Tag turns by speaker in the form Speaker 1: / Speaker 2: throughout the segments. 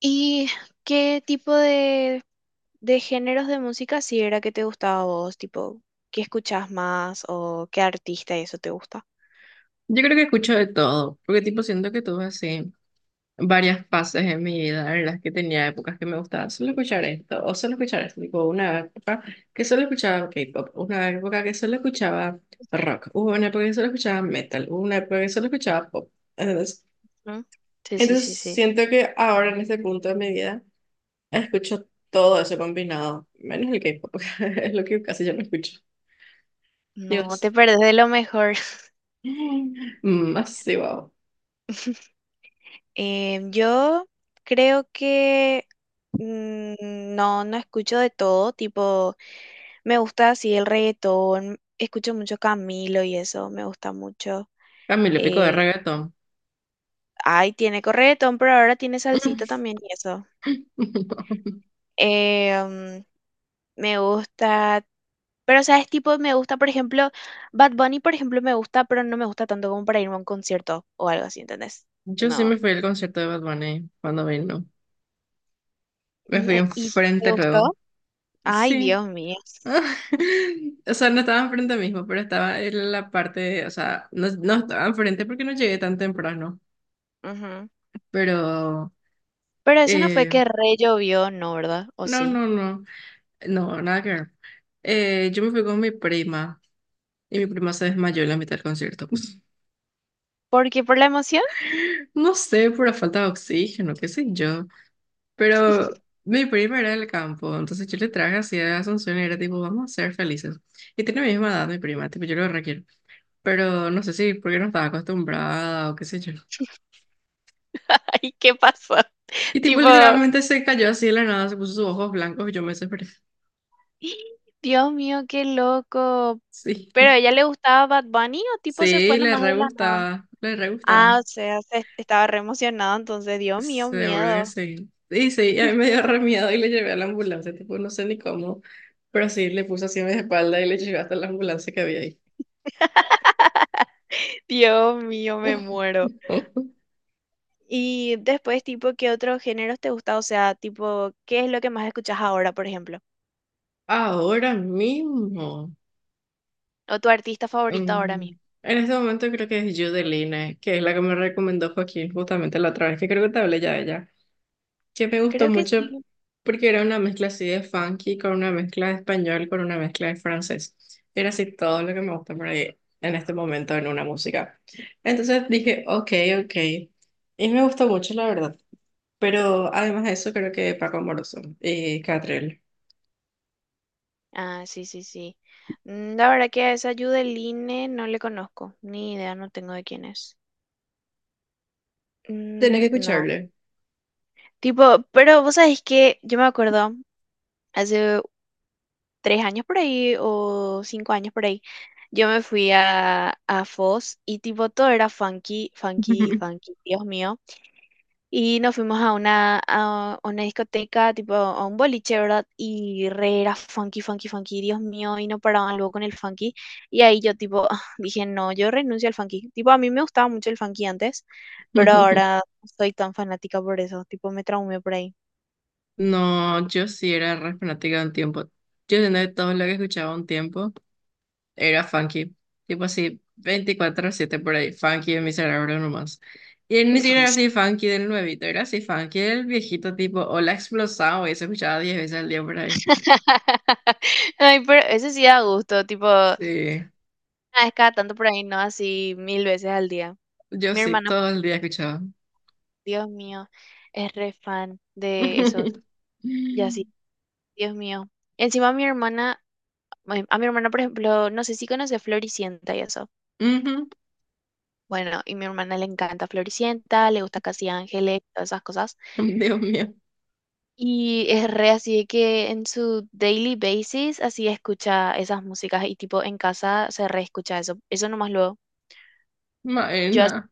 Speaker 1: ¿Y qué tipo de géneros de música sí era que te gustaba a vos? Tipo, ¿qué escuchás más o qué artista y eso te gusta?
Speaker 2: Yo creo que escucho de todo, porque tipo siento que tuve así varias fases en mi vida en las que tenía épocas que me gustaba solo escuchar esto o solo escuchar esto, tipo una época que solo escuchaba K-pop, una época que solo escuchaba rock, hubo una época que solo escuchaba metal, hubo una época que solo escuchaba pop. Entonces,
Speaker 1: ¿Mm? Sí, sí, sí,
Speaker 2: entonces
Speaker 1: sí.
Speaker 2: siento que ahora en este punto de mi vida escucho todo eso combinado, menos el K-pop, es lo que casi yo no escucho.
Speaker 1: No,
Speaker 2: Dios,
Speaker 1: te perdés de lo mejor.
Speaker 2: más sí, wow.
Speaker 1: Yo creo que no, no escucho de todo, tipo, me gusta así el reggaetón, escucho mucho Camilo y eso, me gusta mucho.
Speaker 2: Camilo Pico de
Speaker 1: Eh,
Speaker 2: reggaetón.
Speaker 1: ay, tiene corretón, pero ahora tiene salsita también y eso. Eh, mm, me gusta, pero sabes, tipo, me gusta, por ejemplo, Bad Bunny, por ejemplo, me gusta, pero no me gusta tanto como para irme a un concierto o algo así, ¿entendés?
Speaker 2: Yo sí me
Speaker 1: No.
Speaker 2: fui al concierto de Bad Bunny cuando vino. Me fui
Speaker 1: ¿Y te
Speaker 2: enfrente
Speaker 1: gustó?
Speaker 2: luego.
Speaker 1: Ay,
Speaker 2: Sí.
Speaker 1: Dios mío.
Speaker 2: O sea, no estaba enfrente mismo, pero estaba en la parte, o sea, no, no estaba enfrente porque no llegué tan temprano.
Speaker 1: Ujú.
Speaker 2: Pero,
Speaker 1: Pero eso no fue
Speaker 2: eh,
Speaker 1: que re llovió, no, ¿verdad? ¿O
Speaker 2: no,
Speaker 1: sí?
Speaker 2: no, no, no, nada que ver. Yo me fui con mi prima y mi prima se desmayó en la mitad del concierto.
Speaker 1: Porque por la emoción.
Speaker 2: No sé, por la falta de oxígeno, qué sé yo. Pero mi prima era del campo, entonces yo le traje así a Asunción y era tipo, vamos a ser felices. Y tiene mi misma edad mi prima, tipo, yo lo requiero. Pero no sé si porque no estaba acostumbrada o qué sé yo.
Speaker 1: Ay, ¿qué pasó?
Speaker 2: Y tipo,
Speaker 1: Tipo,
Speaker 2: literalmente se cayó así de la nada, se puso sus ojos blancos y yo me desesperé.
Speaker 1: "Ih, Dios mío, qué loco".
Speaker 2: Sí,
Speaker 1: ¿Pero a ella le gustaba Bad Bunny o tipo se
Speaker 2: sí,
Speaker 1: fue
Speaker 2: le
Speaker 1: nomás de
Speaker 2: re
Speaker 1: la nada?
Speaker 2: gustaba, le re gustaba.
Speaker 1: Ah, o sea, se estaba re emocionado, entonces, Dios mío,
Speaker 2: Seguro que
Speaker 1: miedo.
Speaker 2: sí. Y sí, y a mí me dio re miedo y le llevé a la ambulancia, tipo, no sé ni cómo, pero sí, le puse así en mi espalda y le llevé hasta la ambulancia que había ahí.
Speaker 1: Dios mío, me muero. Y después, tipo, ¿qué otros géneros te gusta? O sea, tipo, ¿qué es lo que más escuchas ahora, por ejemplo?
Speaker 2: Ahora mismo.
Speaker 1: ¿O tu artista favorita ahora
Speaker 2: mm,
Speaker 1: mismo?
Speaker 2: en este momento creo que es Judeline, que es la que me recomendó Joaquín justamente la otra vez, que creo que te hablé ya de ella, que me gustó
Speaker 1: Creo que
Speaker 2: mucho
Speaker 1: sí.
Speaker 2: porque era una mezcla así de funky con una mezcla de español, con una mezcla de francés. Era así todo lo que me gusta por ahí en este momento en una música. Entonces dije, ok, ok. Y me gustó mucho, la verdad. Pero además de eso, creo que Paco Amoroso y Catrell.
Speaker 1: Ah, sí, sí, sí. Mm, la verdad que a esa Yudeline no le conozco, ni idea, no tengo de quién es.
Speaker 2: Tenés que
Speaker 1: Mm, no.
Speaker 2: escucharle.
Speaker 1: Tipo, pero vos sabés que yo me acuerdo hace tres años por ahí o cinco años por ahí, yo me fui a Foz y tipo todo era funky, funky, funky, Dios mío. Y nos fuimos a una discoteca, tipo a un boliche, ¿verdad? Y re era funky, funky, funky, Dios mío, y no paraban luego con el funky. Y ahí yo tipo ah, dije, no, yo renuncio al funky. Tipo, a mí me gustaba mucho el funky antes, pero ahora no soy tan fanática por eso, tipo me traumé por ahí.
Speaker 2: No, yo sí era re fanática de un tiempo. Yo de todo lo que escuchaba un tiempo era funky. Tipo así, 24/7 por ahí, funky en mi cerebro nomás. Y él ni siquiera era así funky del nuevito, era así funky del viejito tipo, o la explosado, y se escuchaba 10 veces al día por ahí.
Speaker 1: Ay, pero eso sí da gusto, tipo, una
Speaker 2: Sí,
Speaker 1: vez cada tanto por ahí, no así mil veces al día.
Speaker 2: yo
Speaker 1: Mi
Speaker 2: sí,
Speaker 1: hermana,
Speaker 2: todo el día escuchaba.
Speaker 1: Dios mío, es re fan de esos. Ya así, Dios mío. Encima mi hermana, bueno, a mi hermana, por ejemplo, no sé si conoce Floricienta y eso.
Speaker 2: Ujú,
Speaker 1: Bueno, y mi hermana le encanta Floricienta, le gusta Casi Ángeles, todas esas cosas.
Speaker 2: Dios mío,
Speaker 1: Y es re así de que en su daily basis así escucha esas músicas y tipo en casa se re escucha eso. Eso nomás luego. Yo así
Speaker 2: Maena.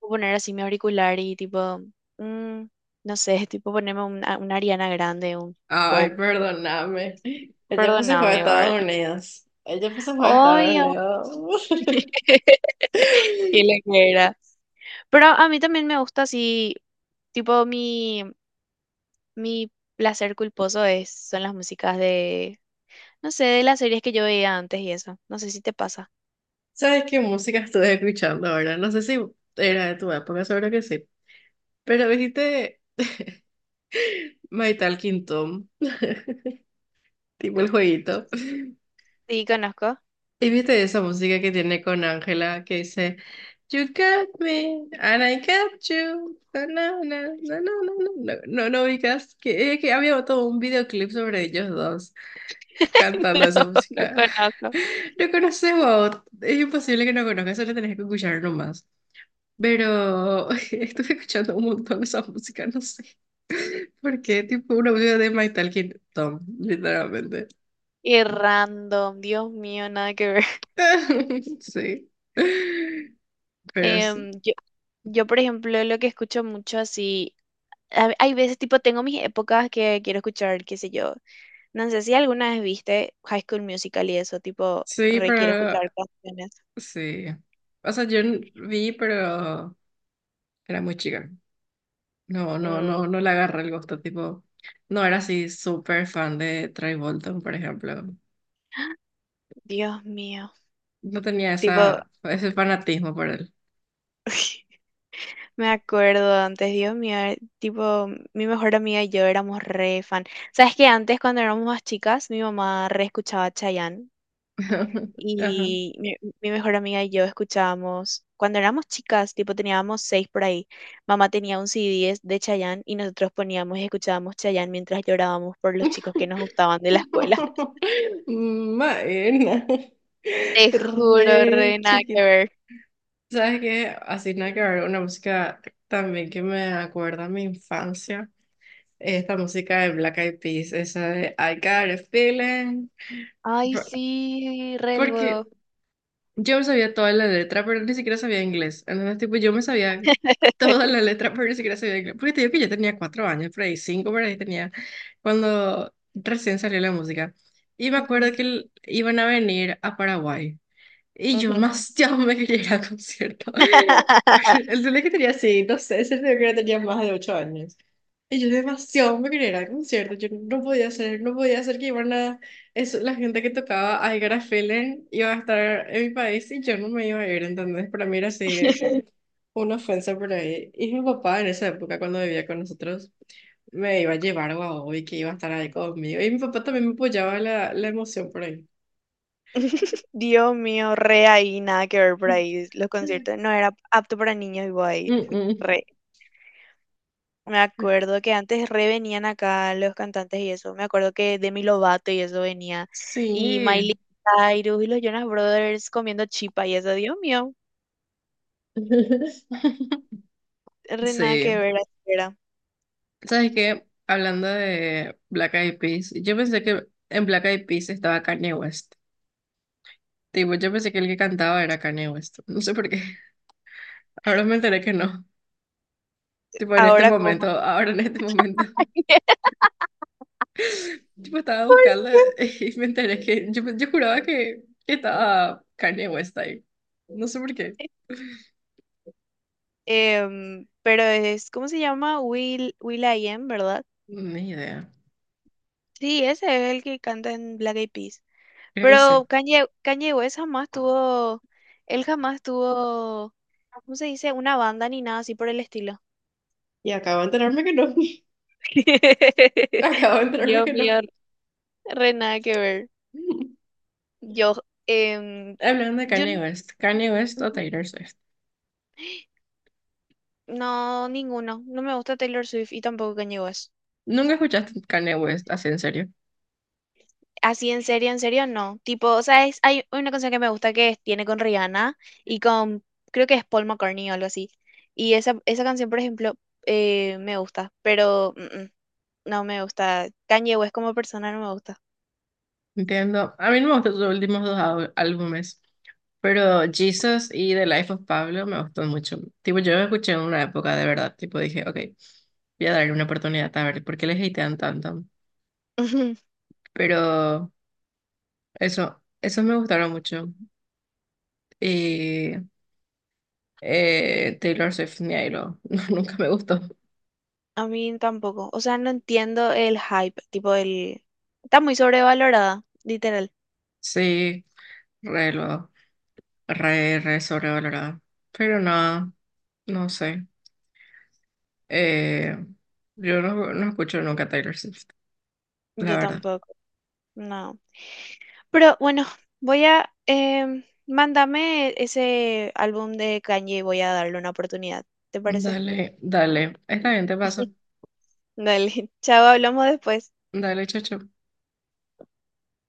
Speaker 1: puedo poner así mi auricular y tipo, mm, no sé, tipo ponerme una Ariana Grande, un
Speaker 2: Ay,
Speaker 1: pop.
Speaker 2: perdóname. El tiempo se fue a
Speaker 1: Perdóname, ¿verdad?
Speaker 2: Estados Unidos. El tiempo se fue a Estados
Speaker 1: Obvio.
Speaker 2: Unidos.
Speaker 1: ¿Qué le era? Pero a mí también me gusta así, tipo mi placer culposo es, son las músicas de, no sé, de las series que yo veía antes y eso. No sé si te pasa.
Speaker 2: ¿Sabes qué música estuve escuchando ahora? No sé si era de tu época, seguro que sí. Pero viste My Talking Tom, tipo el jueguito.
Speaker 1: Sí, conozco.
Speaker 2: Y viste esa música que tiene con Ángela que dice You got me and I got you. No, no, no, no, no, no, no, no, no, ubicas que había todo un videoclip sobre ellos dos, cantando
Speaker 1: No,
Speaker 2: esa
Speaker 1: no
Speaker 2: música.
Speaker 1: conozco.
Speaker 2: No conoces vos, es imposible que no conozcas, solo tenés que escuchar nomás. Pero estuve escuchando un montón esa música, no sé. Porque tipo una música de My Talking Tom, literalmente.
Speaker 1: Y random, Dios mío, nada que ver.
Speaker 2: Sí. Pero sí.
Speaker 1: Em, yo, yo, por ejemplo, lo que escucho mucho así, hay veces tipo, tengo mis épocas que quiero escuchar, qué sé yo. No sé si alguna vez viste High School Musical y eso, tipo,
Speaker 2: Sí,
Speaker 1: re quiero
Speaker 2: pero
Speaker 1: escuchar canciones.
Speaker 2: sí. O sea, yo vi, pero era muy chica. No, no,
Speaker 1: Mm.
Speaker 2: no, no le agarré el gusto, tipo. No era así súper fan de Troy Bolton, por ejemplo.
Speaker 1: Dios mío.
Speaker 2: No tenía
Speaker 1: Tipo,
Speaker 2: ese fanatismo por él.
Speaker 1: me acuerdo antes, Dios mío, tipo, mi mejor amiga y yo éramos re fan. ¿Sabes que antes, cuando éramos más chicas, mi mamá re escuchaba Chayanne?
Speaker 2: Ajá.
Speaker 1: Y mi mejor amiga y yo escuchábamos, cuando éramos chicas, tipo teníamos seis por ahí, mamá tenía un C CD de Chayanne y nosotros poníamos y escuchábamos Chayanne mientras llorábamos por los chicos que nos gustaban de la escuela.
Speaker 2: Maena.
Speaker 1: Te juro,
Speaker 2: Re
Speaker 1: re nada que
Speaker 2: chiquita.
Speaker 1: ver.
Speaker 2: ¿Sabes qué? Así nada que ver, una música también que me acuerda a mi infancia. Esta música de Black Eyed Peas, esa de I Got a Feeling.
Speaker 1: Ay,
Speaker 2: Por-
Speaker 1: sí, re
Speaker 2: Porque
Speaker 1: luego.
Speaker 2: yo me sabía toda la letra, pero ni siquiera sabía inglés. Entonces, tipo, yo me sabía toda la letra, pero ni siquiera sabía inglés. Porque te digo que yo tenía 4 años, por ahí cinco, por ahí tenía, cuando recién salió la música. Y me acuerdo
Speaker 1: Ujú,
Speaker 2: que iban a venir a Paraguay. Y yo
Speaker 1: ujú.
Speaker 2: más, ya me quería ir al concierto. El día que tenía, sí, no sé, ese día que tenía más de 8 años. Y yo demasiado me quería ir al concierto, yo no podía hacer, no podía hacer que iban a, eso, la gente que tocaba I Got a Feeling iba a estar en mi país y yo no me iba a ir, ¿entendés? Para mí era así una ofensa por ahí. Y mi papá en esa época cuando vivía con nosotros me iba a llevar a Guau y que iba a estar ahí conmigo. Y mi papá también me apoyaba la emoción por ahí.
Speaker 1: Dios mío, re ahí, nada que ver por ahí. Los conciertos no era apto para niños y guay.
Speaker 2: Mm, mm.
Speaker 1: Re. Me acuerdo que antes re venían acá los cantantes y eso. Me acuerdo que Demi Lovato y eso venía. Y
Speaker 2: Sí.
Speaker 1: Miley Cyrus y los Jonas Brothers comiendo chipa y eso. Dios mío, re nada que
Speaker 2: Sí.
Speaker 1: ver así era.
Speaker 2: ¿Sabes qué? Hablando de Black Eyed Peas, yo pensé que en Black Eyed Peas estaba Kanye West. Tipo, yo pensé que el que cantaba era Kanye West. No sé por qué. Ahora me enteré que no. Tipo, en este
Speaker 1: Ahora
Speaker 2: momento,
Speaker 1: como.
Speaker 2: ahora en este momento. Tipo, estaba
Speaker 1: ¿Por
Speaker 2: buscando
Speaker 1: qué?
Speaker 2: y me enteré que yo juraba que estaba Kanye West ahí. No sé por qué.
Speaker 1: Pero es, ¿cómo se llama? Will.i.am, ¿verdad?
Speaker 2: Ni idea.
Speaker 1: Sí, ese es el que canta en Black Eyed Peas.
Speaker 2: Creo que sí.
Speaker 1: Pero Kanye West jamás tuvo, él jamás tuvo, ¿cómo se dice? Una banda ni nada así por el estilo.
Speaker 2: Y acabo de enterarme que no. Acabo de enterarme
Speaker 1: Dios
Speaker 2: que no.
Speaker 1: mío, re nada que ver. Yo, em,
Speaker 2: Hablando de
Speaker 1: yo
Speaker 2: Kanye
Speaker 1: n-
Speaker 2: West, Kanye West o Taylor Swift.
Speaker 1: no, ninguno. No me gusta Taylor Swift y tampoco Kanye West.
Speaker 2: Nunca escuchaste Kanye West, así en serio.
Speaker 1: Así en serio, no. Tipo, o sea, hay una canción que me gusta que tiene con Rihanna y con, creo que es Paul McCartney o algo así. Y esa canción, por ejemplo, me gusta, pero no me gusta. Kanye West como persona no me gusta.
Speaker 2: Entiendo. A mí no me gustan sus últimos dos álbumes, pero Jesus y The Life of Pablo me gustan mucho. Tipo, yo lo escuché en una época de verdad, tipo, dije, ok, voy a darle una oportunidad a ver por qué les hatean tanto.
Speaker 1: Ujú.
Speaker 2: Pero eso me gustaron mucho. Y Taylor Swift, ni ahí lo, no, nunca me gustó.
Speaker 1: A mí tampoco. O sea, no entiendo el hype, tipo el... Está muy sobrevalorada, literal.
Speaker 2: Sí, re, lo, re sobrevalorada. Pero no, no sé. Eh, yo no, no escucho nunca Taylor Swift, la
Speaker 1: Yo
Speaker 2: verdad.
Speaker 1: tampoco. No. Pero bueno, voy a... mándame ese álbum de Kanye y voy a darle una oportunidad. ¿Te parece?
Speaker 2: Dale, dale. Está bien, te paso.
Speaker 1: Dale, chao, hablamos después.
Speaker 2: Dale, chao, chao.